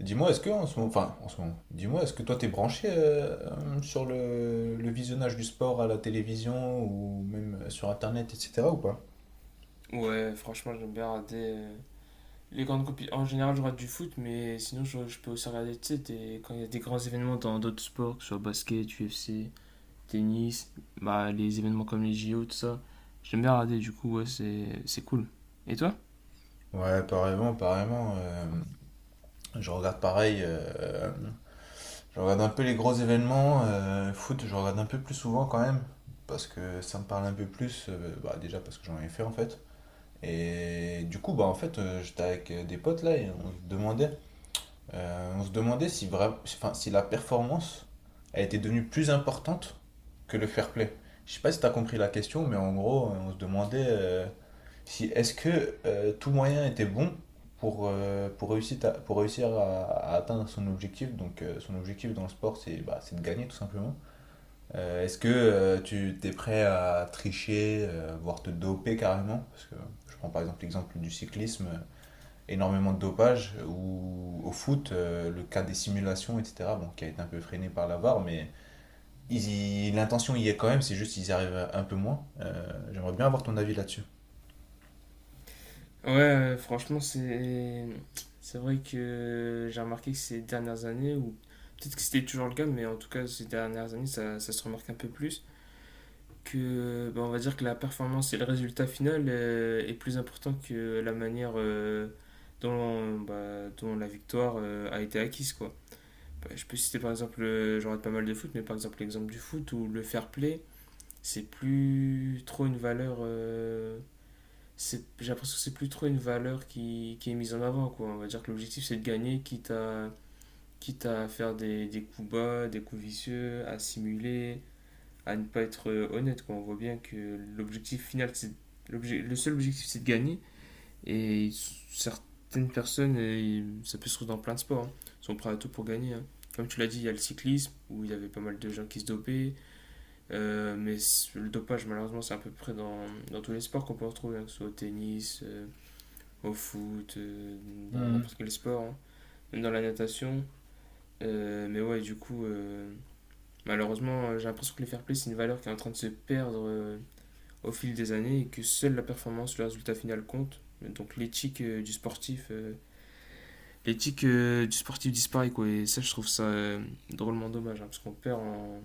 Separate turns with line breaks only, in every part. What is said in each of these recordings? Dis-moi, est-ce que en ce moment, enfin, en ce moment, dis-moi, est-ce que toi t'es branché sur le visionnage du sport à la télévision ou même sur Internet, etc. ou pas?
Ouais, franchement, j'aime bien regarder les grandes compétitions. En général, je regarde du foot, mais sinon, je peux aussi regarder, tu sais, quand il y a des grands événements dans d'autres sports, que ce soit basket, UFC, tennis, bah, les événements comme les JO tout ça. J'aime bien regarder, du coup, ouais, c'est cool. Et toi?
Ouais, apparemment, apparemment, je regarde pareil, je regarde un peu les gros événements, foot, je regarde un peu plus souvent quand même, parce que ça me parle un peu plus, déjà parce que j'en ai fait en fait. Et du coup, bah en fait, j'étais avec des potes là et on se demandait si, enfin, si la performance a été devenue plus importante que le fair play. Je sais pas si tu as compris la question, mais en gros, on se demandait si est-ce que tout moyen était bon pour pour réussir à atteindre son objectif. Donc, son objectif dans le sport, c'est bah, c'est de gagner tout simplement. Est-ce que tu t'es prêt à tricher, voire te doper carrément? Parce que je prends par exemple l'exemple du cyclisme énormément de dopage, ou au foot, le cas des simulations, etc., bon, qui a été un peu freiné par la VAR, mais ils l'intention y est quand même, c'est juste qu'ils y arrivent un peu moins. J'aimerais bien avoir ton avis là-dessus.
Ouais, franchement, c'est vrai que j'ai remarqué que ces dernières années, ou peut-être que c'était toujours le cas, mais en tout cas, ces dernières années, ça se remarque un peu plus, que ben, on va dire que la performance et le résultat final est plus important que la manière dont, bah, dont la victoire a été acquise quoi. Bah, je peux citer par exemple, j'en rate pas mal de foot, mais par exemple l'exemple du foot où le fair play, c'est plus trop une valeur, j'ai l'impression que c'est plus trop une valeur qui est mise en avant quoi. On va dire que l'objectif, c'est de gagner, quitte à faire des coups bas, des coups vicieux, à simuler, à ne pas être honnête. Quoi. On voit bien que l'objectif final, c'est le seul objectif, c'est de gagner. Et certaines personnes, ça peut se trouver dans plein de sports, hein, sont prêts à tout pour gagner, hein. Comme tu l'as dit, il y a le cyclisme, où il y avait pas mal de gens qui se dopaient, mais le dopage, malheureusement, c'est à peu près dans tous les sports qu'on peut retrouver, hein, que ce soit au tennis, au foot, dans
Hmm.
n'importe quel sport, hein, même dans la natation. Mais ouais, du coup, malheureusement, j'ai l'impression que le fair play, c'est une valeur qui est en train de se perdre, au fil des années, et que seule la performance, le résultat final compte. Donc l'éthique du sportif, l'éthique du sportif disparaît quoi. Et ça, je trouve ça drôlement dommage, hein, parce qu'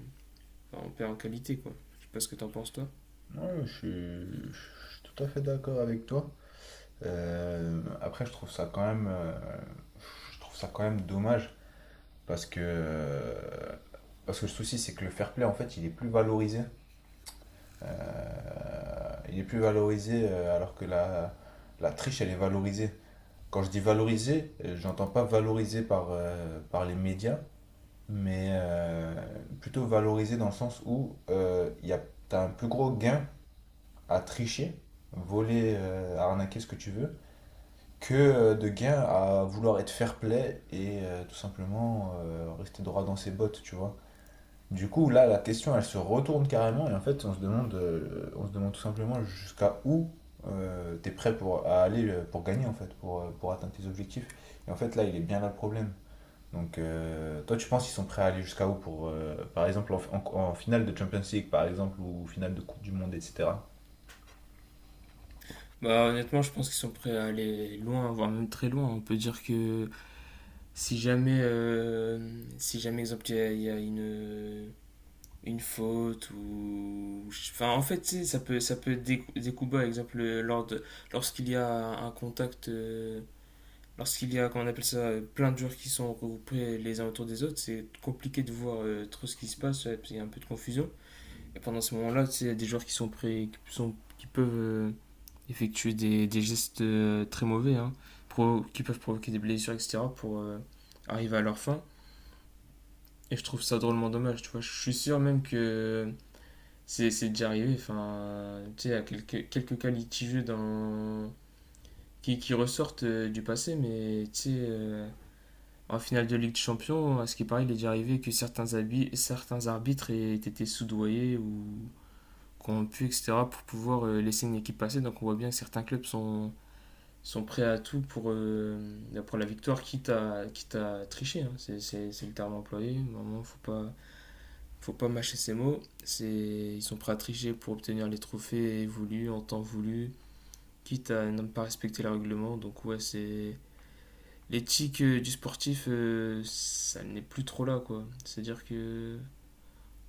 on perd en qualité quoi. Je sais pas ce que t'en penses toi.
Ouais, je suis tout à fait d'accord avec toi. Après, je trouve ça quand même, je trouve ça quand même dommage parce que, euh, parce que le souci, c'est que le fair play, en fait, il est plus valorisé. Il est plus valorisé alors que la triche, elle est valorisée. Quand je dis valoriser, j'entends pas valoriser par, par les médias, mais plutôt valoriser dans le sens où t'as un plus gros gain à tricher, voler, arnaquer ce que tu veux, que de gain à vouloir être fair play et tout simplement rester droit dans ses bottes, tu vois. Du coup, là, la question, elle se retourne carrément et en fait, on se demande tout simplement jusqu'à où t'es prêt pour à aller pour gagner en fait, pour atteindre tes objectifs. Et en fait, là, il est bien là le problème. Donc, toi, tu penses qu'ils sont prêts à aller jusqu'à où pour, par exemple, en finale de Champions League, par exemple, ou finale de Coupe du Monde, etc.
Bah, honnêtement, je pense qu'ils sont prêts à aller loin, voire même très loin. On peut dire que si jamais exemple il y a une faute, ou enfin en fait tu sais, ça peut être des coups bas, exemple lorsqu'il y a un contact, lorsqu'il y a, comment on appelle ça, plein de joueurs qui sont regroupés les uns autour des autres, c'est compliqué de voir trop ce qui se passe, ouais, parce qu'il y a un peu de confusion. Et pendant ce moment-là, tu sais, il y a des joueurs qui sont prêts, qui peuvent effectuer des gestes très mauvais, hein, qui peuvent provoquer des blessures, etc., pour arriver à leur fin. Et je trouve ça drôlement dommage, tu vois. Je suis sûr même que c'est déjà arrivé, enfin, tu sais, il y a quelques cas litigieux dans, qui ressortent du passé, mais tu sais, en finale de Ligue des Champions, à ce qui paraît, il est déjà arrivé que certains arbitres aient été soudoyés ou corrompus, etc., pour pouvoir laisser une équipe passer. Donc on voit bien que certains clubs sont prêts à tout pour la victoire, quitte à tricher, hein. C'est le terme employé. Normalement, faut pas mâcher ces mots. Ils sont prêts à tricher pour obtenir les trophées voulus en temps voulu, quitte à ne pas respecter le règlement. Donc ouais, c'est l'éthique du sportif, ça n'est plus trop là, quoi. C'est-à-dire que,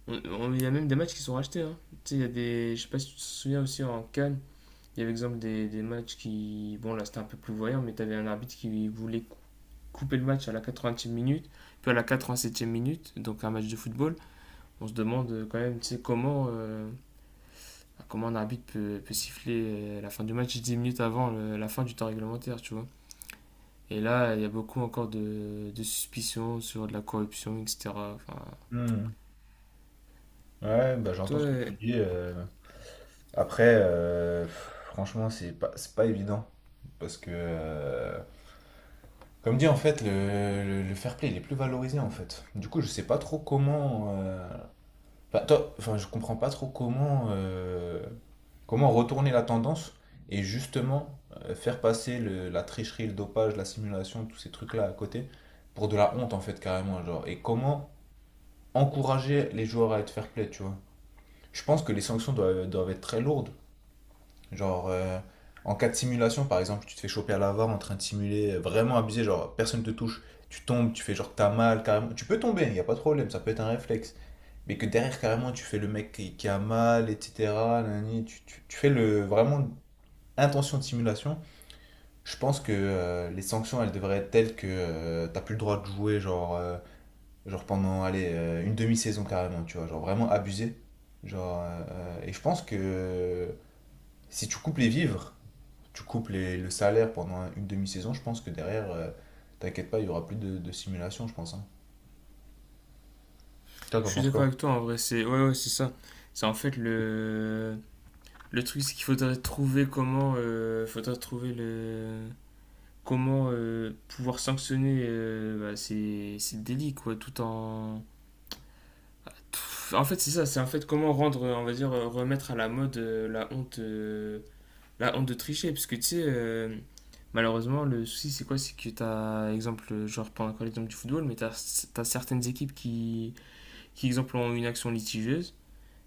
il y a même des matchs qui sont rachetés, hein. Tu sais, il y a des. Je sais pas si tu te souviens aussi en Cannes, il y avait exemple des matchs qui. Bon, là c'était un peu plus voyant, mais t'avais un arbitre qui voulait couper le match à la 80e minute, puis à la 87e minute, donc un match de football. On se demande quand même, tu sais, comment un arbitre peut siffler la fin du match 10 minutes avant la fin du temps réglementaire, tu vois. Et là, il y a beaucoup encore de suspicions sur de la corruption, etc. Enfin,
Hmm. Ouais, bah, j'entends ce que
toi,
tu dis. Euh. Après, franchement, c'est pas évident parce que comme dit en fait, le fair play il est plus valorisé en fait. Du coup, je sais pas trop comment. Euh, enfin, enfin, je comprends pas trop comment comment retourner la tendance et justement faire passer la tricherie, le dopage, la simulation, tous ces trucs-là à côté pour de la honte en fait carrément genre. Et comment encourager les joueurs à être fair play, tu vois. Je pense que les sanctions doivent être très lourdes. Genre, en cas de simulation, par exemple, tu te fais choper à l'avare en train de simuler, vraiment abusé, genre personne te touche, tu tombes, tu fais genre que t'as mal, carrément. Tu peux tomber, il n'y a pas de problème, ça peut être un réflexe. Mais que derrière, carrément, tu fais le mec qui a mal, etc. nanani, tu fais le, vraiment intention de simulation. Je pense que les sanctions, elles devraient être telles que t'as plus le droit de jouer, genre, genre pendant, allez, une demi-saison carrément, tu vois, genre vraiment abusé. Genre, et je pense que si tu coupes les vivres, tu coupes le salaire pendant une demi-saison, je pense que derrière, t'inquiète pas, il y aura plus de simulation, je pense. Hein. Toi,
je
t'en
suis
penses
d'accord
quoi?
avec toi, en vrai, c'est ouais, ouais, c'est ça. C'est en fait le truc, c'est qu'il faudrait trouver comment, faudrait trouver le comment pouvoir sanctionner bah, ces délits, quoi, tout en en fait, c'est ça, c'est en fait comment rendre, on va dire, remettre à la mode, la honte de tricher, parce que tu sais, malheureusement, le souci, c'est quoi? C'est que t'as, exemple, genre prends encore l'exemple du football, mais t'as certaines équipes qui, exemple, ont une action litigieuse,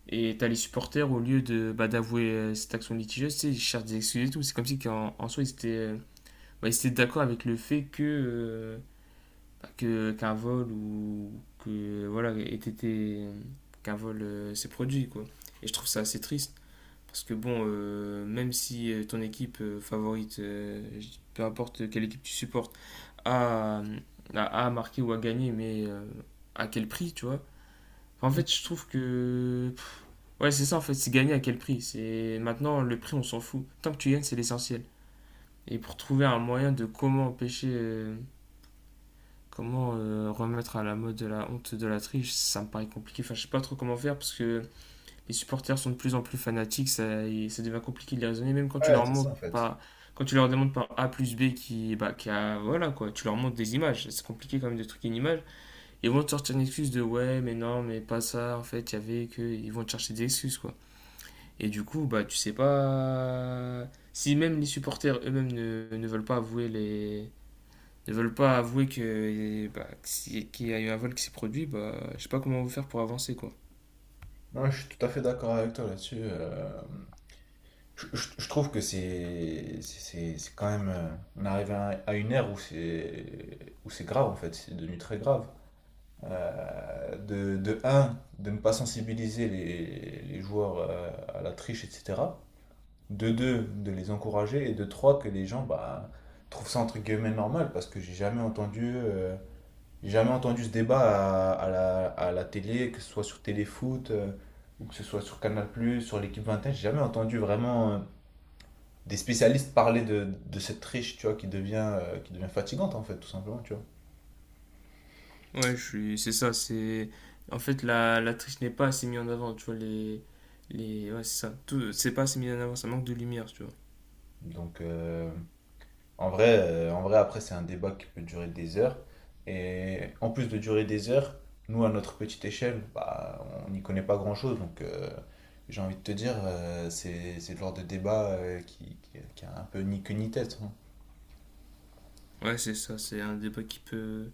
et t'as les supporters, au lieu de, bah, d'avouer cette action litigieuse, tu sais, ils cherchent des excuses et tout. C'est comme si qu'en, en soi, bah, ils étaient d'accord avec le fait que, bah, que, qu'un vol ou que, voilà, ait été, qu'un vol s'est produit, quoi. Et je trouve ça assez triste. Parce que bon, même si ton équipe favorite, peu importe quelle équipe tu supportes, a, euh, a marqué ou a gagné, mais à quel prix, tu vois? Enfin, en fait, je trouve que... ouais, c'est ça, en fait, c'est gagner à quel prix. C'est... Maintenant, le prix, on s'en fout. Tant que tu gagnes, c'est l'essentiel. Et pour trouver un moyen de comment empêcher... comment remettre à la mode de la honte de la triche, ça me paraît compliqué. Enfin, je sais pas trop comment faire parce que les supporters sont de plus en plus fanatiques, ça, et ça devient compliqué de les raisonner, même quand tu
Ouais,
leur
c'est ça
montres
en fait.
pas, quand tu leur demandes par A plus B qui, bah, qui a, voilà quoi, tu leur montres des images, c'est compliqué quand même de truquer une image, ils vont te sortir une excuse de ouais, mais non, mais pas ça, en fait, il y avait que, ils vont te chercher des excuses quoi. Et du coup, bah, tu sais pas, si même les supporters eux-mêmes ne veulent pas avouer ne veulent pas avouer que, bah, que qu'il y a eu un vol qui s'est produit, bah, je sais pas comment on va faire pour avancer quoi.
Non, je suis tout à fait d'accord avec toi là-dessus. Euh, je trouve que c'est quand même. Euh, on arrive à une ère où c'est grave en fait, c'est devenu très grave. De un, de ne pas sensibiliser les joueurs à la triche, etc. De deux, de les encourager et de trois, que les gens bah, trouvent ça entre guillemets normal parce que j'ai jamais entendu ce débat à la télé, que ce soit sur Téléfoot ou que ce soit sur Canal+, sur l'équipe 21, j'ai jamais entendu vraiment des spécialistes parler de cette triche, tu vois, qui devient fatigante en fait, tout simplement, tu vois.
Ouais, je suis, c'est ça, c'est en fait la triche n'est pas assez mise en avant, tu vois les ouais, c'est ça, tout c'est pas assez mis en avant, ça manque de lumière, tu vois.
Donc, en vrai, en vrai, après, c'est un débat qui peut durer des heures. Et en plus de durer des heures, nous, à notre petite échelle, bah, on n'y connaît pas grand-chose. Donc, j'ai envie de te dire, c'est le genre de débat qui a un peu ni queue ni tête. Hein.
Ouais, c'est ça, c'est un débat qui peut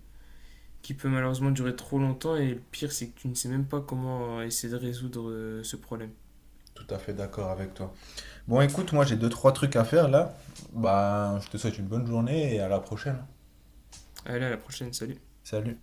malheureusement durer trop longtemps, et le pire, c'est que tu ne sais même pas comment essayer de résoudre ce problème.
Tout à fait d'accord avec toi. Bon, écoute, moi, j'ai deux, trois trucs à faire là. Bah, je te souhaite une bonne journée et à la prochaine.
Allez, à la prochaine, salut.
Salut.